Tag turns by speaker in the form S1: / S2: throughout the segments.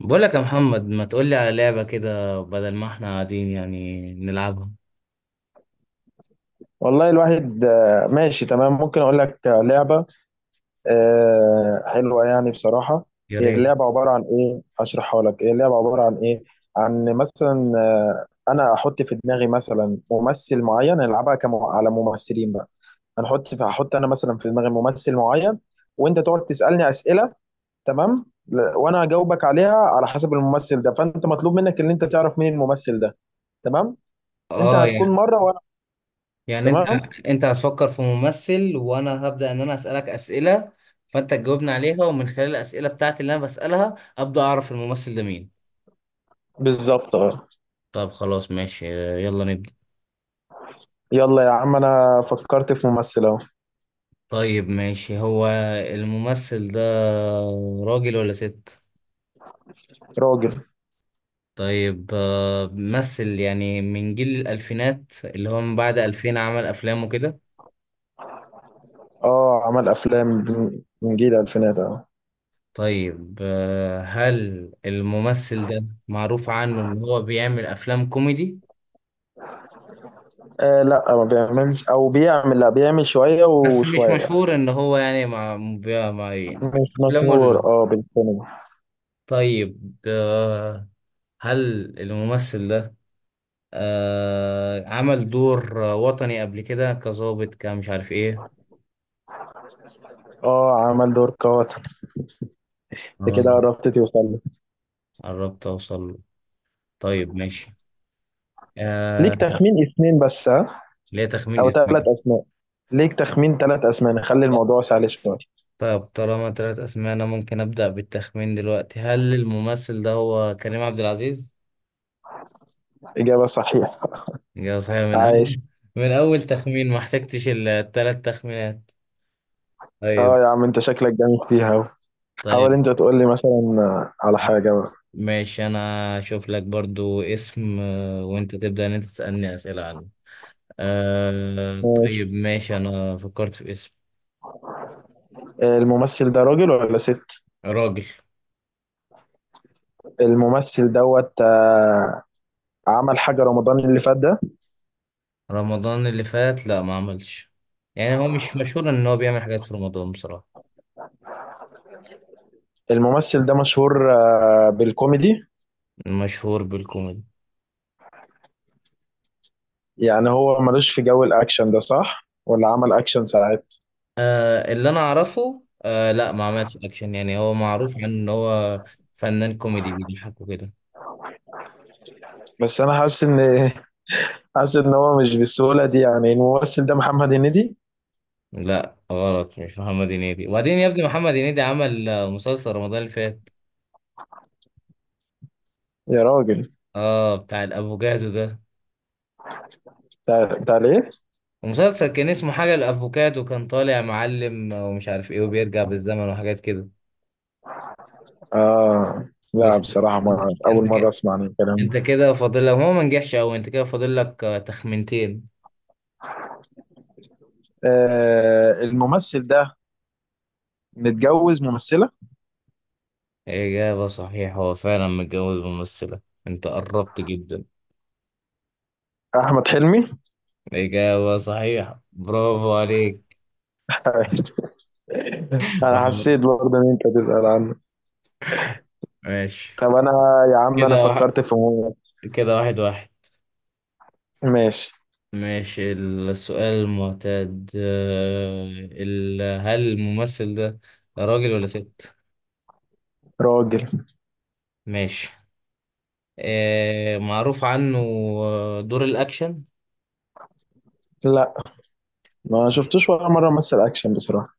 S1: بقولك يا محمد، ما تقولي على لعبة كده بدل ما احنا قاعدين يعني نلعبها؟
S2: والله الواحد ماشي تمام. ممكن اقول لك، لعبه حلوه يعني بصراحه.
S1: يا
S2: هي
S1: ريت.
S2: اللعبه عباره عن ايه؟ اشرحها لك. هي اللعبه عباره عن ايه؟ عن مثلا، انا احط في دماغي مثلا ممثل معين. نلعبها كم على ممثلين بقى. هنحط في هحط انا مثلا في دماغي ممثل معين، وانت تقعد تسالني اسئله. تمام. وانا اجاوبك عليها على حسب الممثل ده، فانت مطلوب منك ان انت تعرف مين الممثل ده. تمام. انت
S1: اه،
S2: هتكون
S1: يعني.
S2: مره وانا.
S1: يعني انت
S2: تمام.
S1: انت هتفكر في ممثل، وانا هبدأ ان انا اسألك اسئلة فانت تجاوبني عليها، ومن خلال الاسئلة بتاعتي اللي انا بسألها ابدأ اعرف الممثل ده مين.
S2: بالظبط، اه.
S1: طب خلاص ماشي. يلا نبدأ.
S2: يلا يا عم، انا فكرت في ممثل اهو.
S1: طيب ماشي، هو الممثل ده راجل ولا ست؟
S2: راجل.
S1: طيب ممثل يعني من جيل الألفينات، اللي هو من بعد 2000 عمل أفلام وكده.
S2: اه، عمل افلام، من جيل الالفينات اهو.
S1: طيب هل الممثل ده معروف عنه ان هو بيعمل افلام كوميدي؟
S2: آه لا، ما بيعملش، او بيعمل، لا بيعمل شويه
S1: بس مش
S2: وشويه.
S1: مشهور ان هو يعني مع مع
S2: مش
S1: افلامه.
S2: مشهور اه بالسينما.
S1: طيب هل الممثل ده عمل دور وطني قبل كده، كظابط كمش عارف ايه؟
S2: اه، عمل دور قاتل. انت كده
S1: عمل-
S2: قربت توصل لي.
S1: قربت اوصل له. طيب ماشي.
S2: ليك
S1: آه،
S2: تخمين اسمين بس، ها.
S1: ليه تخمين
S2: او ثلاث
S1: اسمه.
S2: اسماء. ليك تخمين ثلاث اسماء، نخلي الموضوع سهل شويه.
S1: طب طالما تلات أسماء، أنا ممكن أبدأ بالتخمين دلوقتي. هل الممثل ده هو كريم عبد العزيز؟
S2: اجابه صحيحه.
S1: يا صحيح، من أول
S2: عايش.
S1: من أول تخمين، ما احتجتش التلات تخمينات. طيب.
S2: اه يا عم، انت شكلك جامد فيها أوي. حاول
S1: طيب
S2: انت تقول لي مثلا، على حاجه بقى.
S1: ماشي، أنا أشوف لك برضو اسم وأنت تبدأ إن أنت تسألني أسئلة عنه.
S2: ماشي.
S1: طيب ماشي، أنا فكرت في اسم.
S2: الممثل ده راجل ولا ست؟
S1: راجل.
S2: الممثل دوت، عمل حاجة رمضان اللي فات ده؟
S1: رمضان اللي فات لا، ما عملش. يعني هو مش مشهور إن هو بيعمل حاجات في رمضان بصراحة.
S2: الممثل ده مشهور بالكوميدي؟
S1: مشهور بالكوميدي.
S2: يعني هو ملوش في جو الأكشن ده، صح؟ ولا عمل أكشن ساعات؟
S1: آه، اللي انا اعرفه، آه لا، ما عملش اكشن. يعني هو معروف عنه ان هو فنان كوميدي بيضحك وكده.
S2: بس أنا حاسس إن حاسس إن هو مش بالسهولة دي. يعني الممثل ده محمد هنيدي؟
S1: لا غلط، مش محمد هنيدي. وبعدين يا ابني، محمد هنيدي عمل مسلسل رمضان اللي فات.
S2: يا راجل،
S1: اه بتاع الافوكادو ده.
S2: بتاع ليه؟
S1: المسلسل كان اسمه حاجة الافوكادو، كان طالع معلم ومش عارف ايه، وبيرجع بالزمن وحاجات كده.
S2: آه لا،
S1: بس
S2: بصراحة
S1: انت،
S2: ما أول
S1: انت
S2: مرة
S1: كده
S2: أسمع عن الكلام
S1: انت
S2: ده.
S1: كده فاضل لك. هو ما نجحش قوي. انت كده فاضل لك تخمنتين.
S2: آه، الممثل ده متجوز ممثلة؟
S1: اجابة صحيحة، هو فعلا متجوز ممثلة. انت قربت جدا.
S2: أحمد حلمي.
S1: إجابة صحيحة، برافو عليك.
S2: أنا حسيت برضه إن أنت تسأل عنه.
S1: ماشي.
S2: طب انا، يا عم انا
S1: كده واحد.
S2: فكرت في
S1: كده واحد واحد.
S2: ماشي.
S1: ماشي، السؤال المعتاد. هل الممثل ده راجل ولا ست؟
S2: راجل.
S1: ماشي. معروف عنه دور الأكشن.
S2: لا، ما شفتوش ولا مره مثل اكشن بصراحه.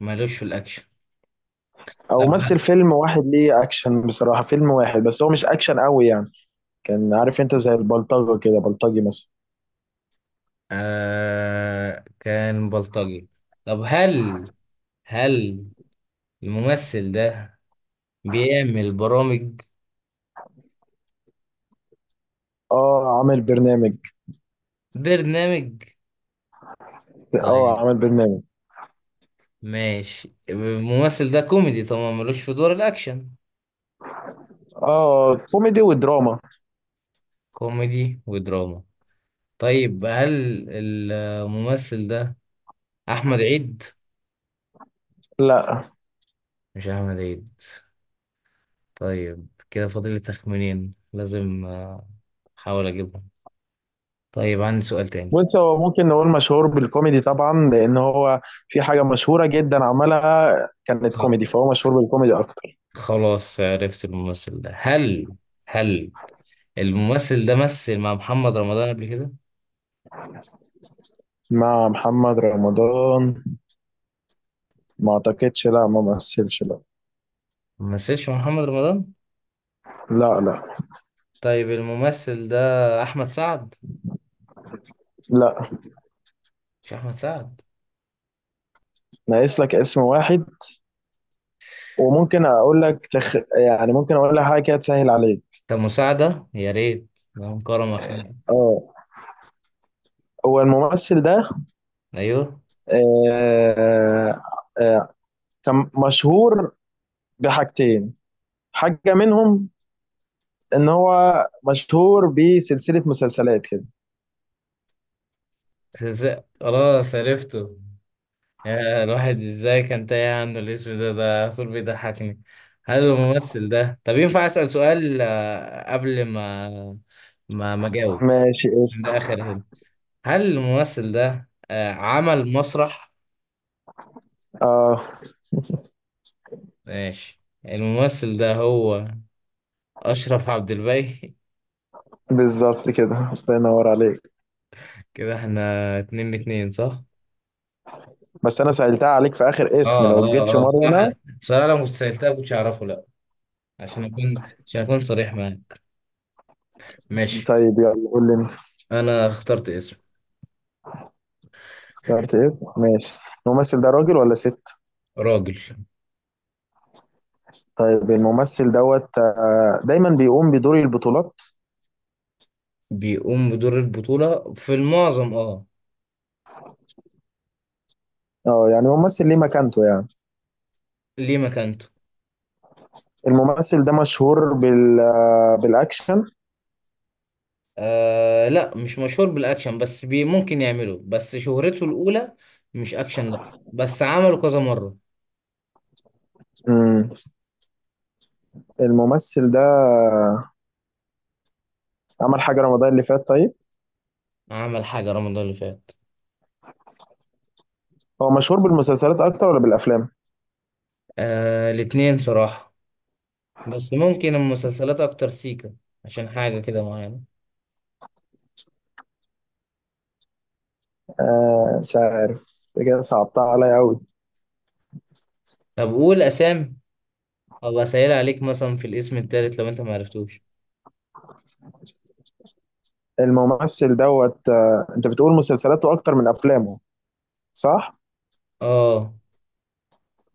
S1: مالوش في الأكشن.
S2: او
S1: طب
S2: مثل فيلم واحد ليه اكشن بصراحه، فيلم واحد بس، هو مش اكشن قوي يعني. كان عارف انت زي البلطجه كده، بلطجي مثلا.
S1: آه، كان بلطجي. طب هل الممثل ده بيعمل برامج؟
S2: اه، عامل برنامج.
S1: برنامج.
S2: اه،
S1: طيب.
S2: عامل برنامج.
S1: ماشي، الممثل ده كوميدي طبعا، ملوش في دور الأكشن.
S2: اه، كوميدي ودراما.
S1: كوميدي ودراما. طيب، هل الممثل ده أحمد عيد؟
S2: لا.
S1: مش أحمد عيد. طيب كده فاضل لي تخمينين، لازم أحاول أجيبهم. طيب عندي سؤال تاني.
S2: بص، هو ممكن نقول مشهور بالكوميدي طبعا، لان هو في حاجه مشهوره جدا عملها، كانت
S1: خ-
S2: كوميدي، فهو مشهور بالكوميدي اكتر.
S1: خلاص عرفت الممثل ده. هل الممثل ده مثل مع محمد رمضان قبل كده؟
S2: مع محمد رمضان؟ ما اعتقدش، لا ما مثلش، لا.
S1: ما مثلش مع محمد رمضان؟
S2: لا. لا.
S1: طيب الممثل ده أحمد سعد؟
S2: لا.
S1: مش أحمد سعد.
S2: ناقص لك اسم واحد. وممكن اقول لك يعني ممكن اقول لك حاجه كده تسهل عليك.
S1: كمساعدة يا ريت، اللهم كرم أخيرا.
S2: اه. هو الممثل ده،
S1: أيوه.
S2: آه... آه... كان مشهور بحاجتين. حاجه منهم ان هو مشهور بسلسله مسلسلات كده.
S1: خلاص عرفته. يا الواحد إزاي كان تايه عنه الاسم ده على طول بيضحكني. هل الممثل ده، طب ينفع أسأل سؤال قبل ما، ما أجاوب؟
S2: ماشي
S1: عشان
S2: اسم.
S1: ده آخر هنا. هل الممثل ده عمل مسرح؟
S2: اه،
S1: ماشي، الممثل ده هو أشرف عبد الباقي.
S2: بالظبط كده، الله ينور عليك.
S1: كده احنا اتنين اتنين، صح؟
S2: بس انا سألتها عليك في اخر اسم،
S1: اه،
S2: لو جيت في
S1: اه. اه
S2: مره
S1: بصراحة،
S2: انا.
S1: بصراحة لو كنت سألتها كنتش أعرفه، لا. عشان أكون عشان أكون صريح معاك. ماشي.
S2: طيب يلا قول لي.
S1: أنا اخترت اسم.
S2: شرط اسم، ماشي. الممثل ده راجل ولا ست؟
S1: راجل.
S2: طيب، الممثل دوت، دايما بيقوم بدور البطولات؟
S1: بيقوم بدور البطولة في المعظم، اه.
S2: اه، يعني ممثل ليه مكانته يعني.
S1: ليه مكانته.
S2: الممثل ده مشهور بالاكشن؟
S1: آه لا، مش مشهور بالأكشن، بس ممكن يعمله، بس شهرته الأولى مش أكشن لا. بس عمله كذا مرة.
S2: امم. الممثل ده عمل حاجة رمضان اللي فات؟ طيب.
S1: عمل حاجة رمضان اللي فات.
S2: هو مشهور بالمسلسلات اكتر ولا بالافلام؟
S1: آه الاتنين صراحة. بس ممكن المسلسلات أكتر سيكا، عشان حاجة كده معينة.
S2: آه مش عارف، ده كده صعبتها عليا قوي.
S1: طب قول أسامي، أو أسهل عليك مثلا في الاسم التالت لو أنت معرفتوش.
S2: الممثل دوت، انت بتقول مسلسلاته اكتر من افلامه، صح؟
S1: اه.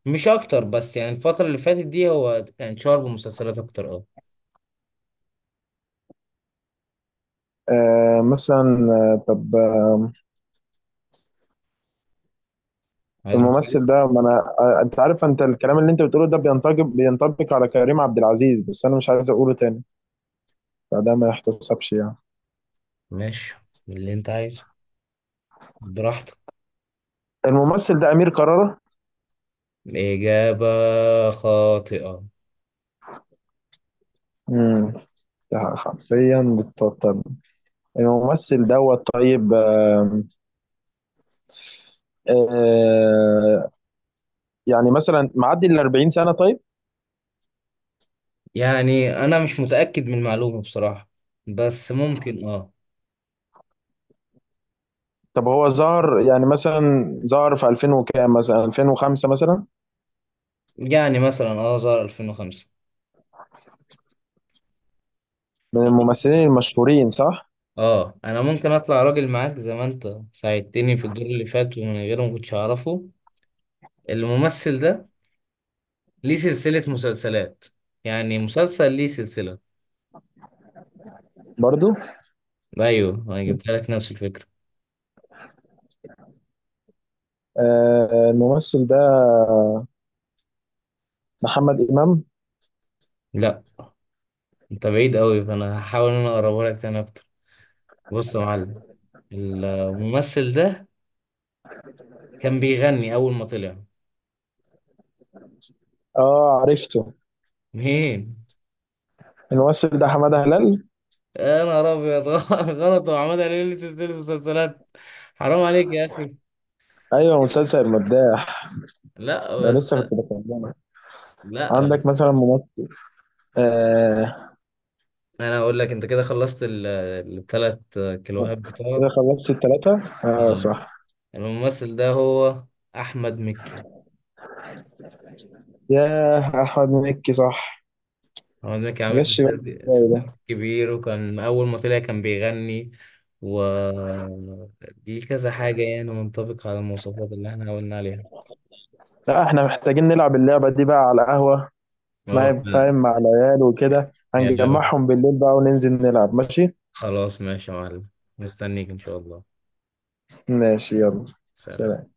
S1: مش اكتر، بس يعني الفترة اللي فاتت دي هو كان شهر بمسلسلات اكتر، اه.
S2: آه مثلا آه، طب
S1: عايز
S2: الممثل
S1: مسلسل.
S2: ده، ما انا انت عارف، انت الكلام اللي انت بتقوله ده بينطبق على كريم عبد العزيز، بس انا مش عايز اقوله تاني، فده ما يحتسبش يعني.
S1: ماشي، اللي انت عايزه، براحتك.
S2: الممثل ده امير كرارة.
S1: اجابة خاطئة.
S2: امم. ده حرفيا بتبطل. الممثل دوت طيب، آم، آه يعني مثلا معدي ال 40 سنة، طيب؟
S1: يعني انا مش متأكد من المعلومة بصراحة، بس ممكن اه.
S2: طب هو ظهر يعني مثلا، ظهر في 2000 وكام، مثلا 2005 مثلا؟
S1: يعني مثلا اه، ظهر 2005.
S2: من الممثلين المشهورين، صح؟
S1: اه، انا ممكن اطلع راجل معاك زي ما انت ساعدتني في الدور اللي فات، ومن غيره ما كنتش اعرفه. الممثل ده ليه سلسلة مسلسلات، يعني مسلسل ليه سلسلة.
S2: برضو.
S1: ايوه انا جبت لك نفس الفكرة.
S2: آه الممثل ده محمد إمام.
S1: لا، انت بعيد قوي، فانا هحاول ان انا اقربها لك تاني اكتر. بص يا معلم، الممثل ده كان بيغني اول ما طلع.
S2: اه عرفته.
S1: مين؟
S2: الممثل ده حمادة هلال.
S1: يا نهار ابيض، غلط، وعماد هلال ليه سلسله مسلسلات؟ حرام عليك يا اخي.
S2: ايوه، مسلسل المداح،
S1: لا
S2: ده
S1: بس.
S2: لسه كنت بكلمك.
S1: لا.
S2: عندك مثلا ممثل، آه.
S1: انا اقول لك انت كده خلصت الثلاث كيلوهات بتوعك.
S2: كده خلصت التلاتة، اه
S1: آه.
S2: صح.
S1: الممثل ده هو احمد مكي.
S2: ياه، احمد مكي، صح.
S1: هو ده كان
S2: ما
S1: عامل
S2: جاش
S1: ستات
S2: بالي. إزاي
S1: ستات
S2: ده؟
S1: كبير، وكان أول ما طلع كان بيغني، و دي كذا حاجة يعني منطبق على المواصفات اللي احنا قلنا عليها.
S2: لا، احنا محتاجين نلعب اللعبة دي بقى على قهوة. ما
S1: اه لا.
S2: ينفعين مع العيال وكده،
S1: يا لا.
S2: هنجمعهم بالليل بقى وننزل نلعب. ماشي.
S1: خلاص ماشي يا معلم، مستنيك إن شاء الله.
S2: ماشي يلا.
S1: سلام.
S2: سلام.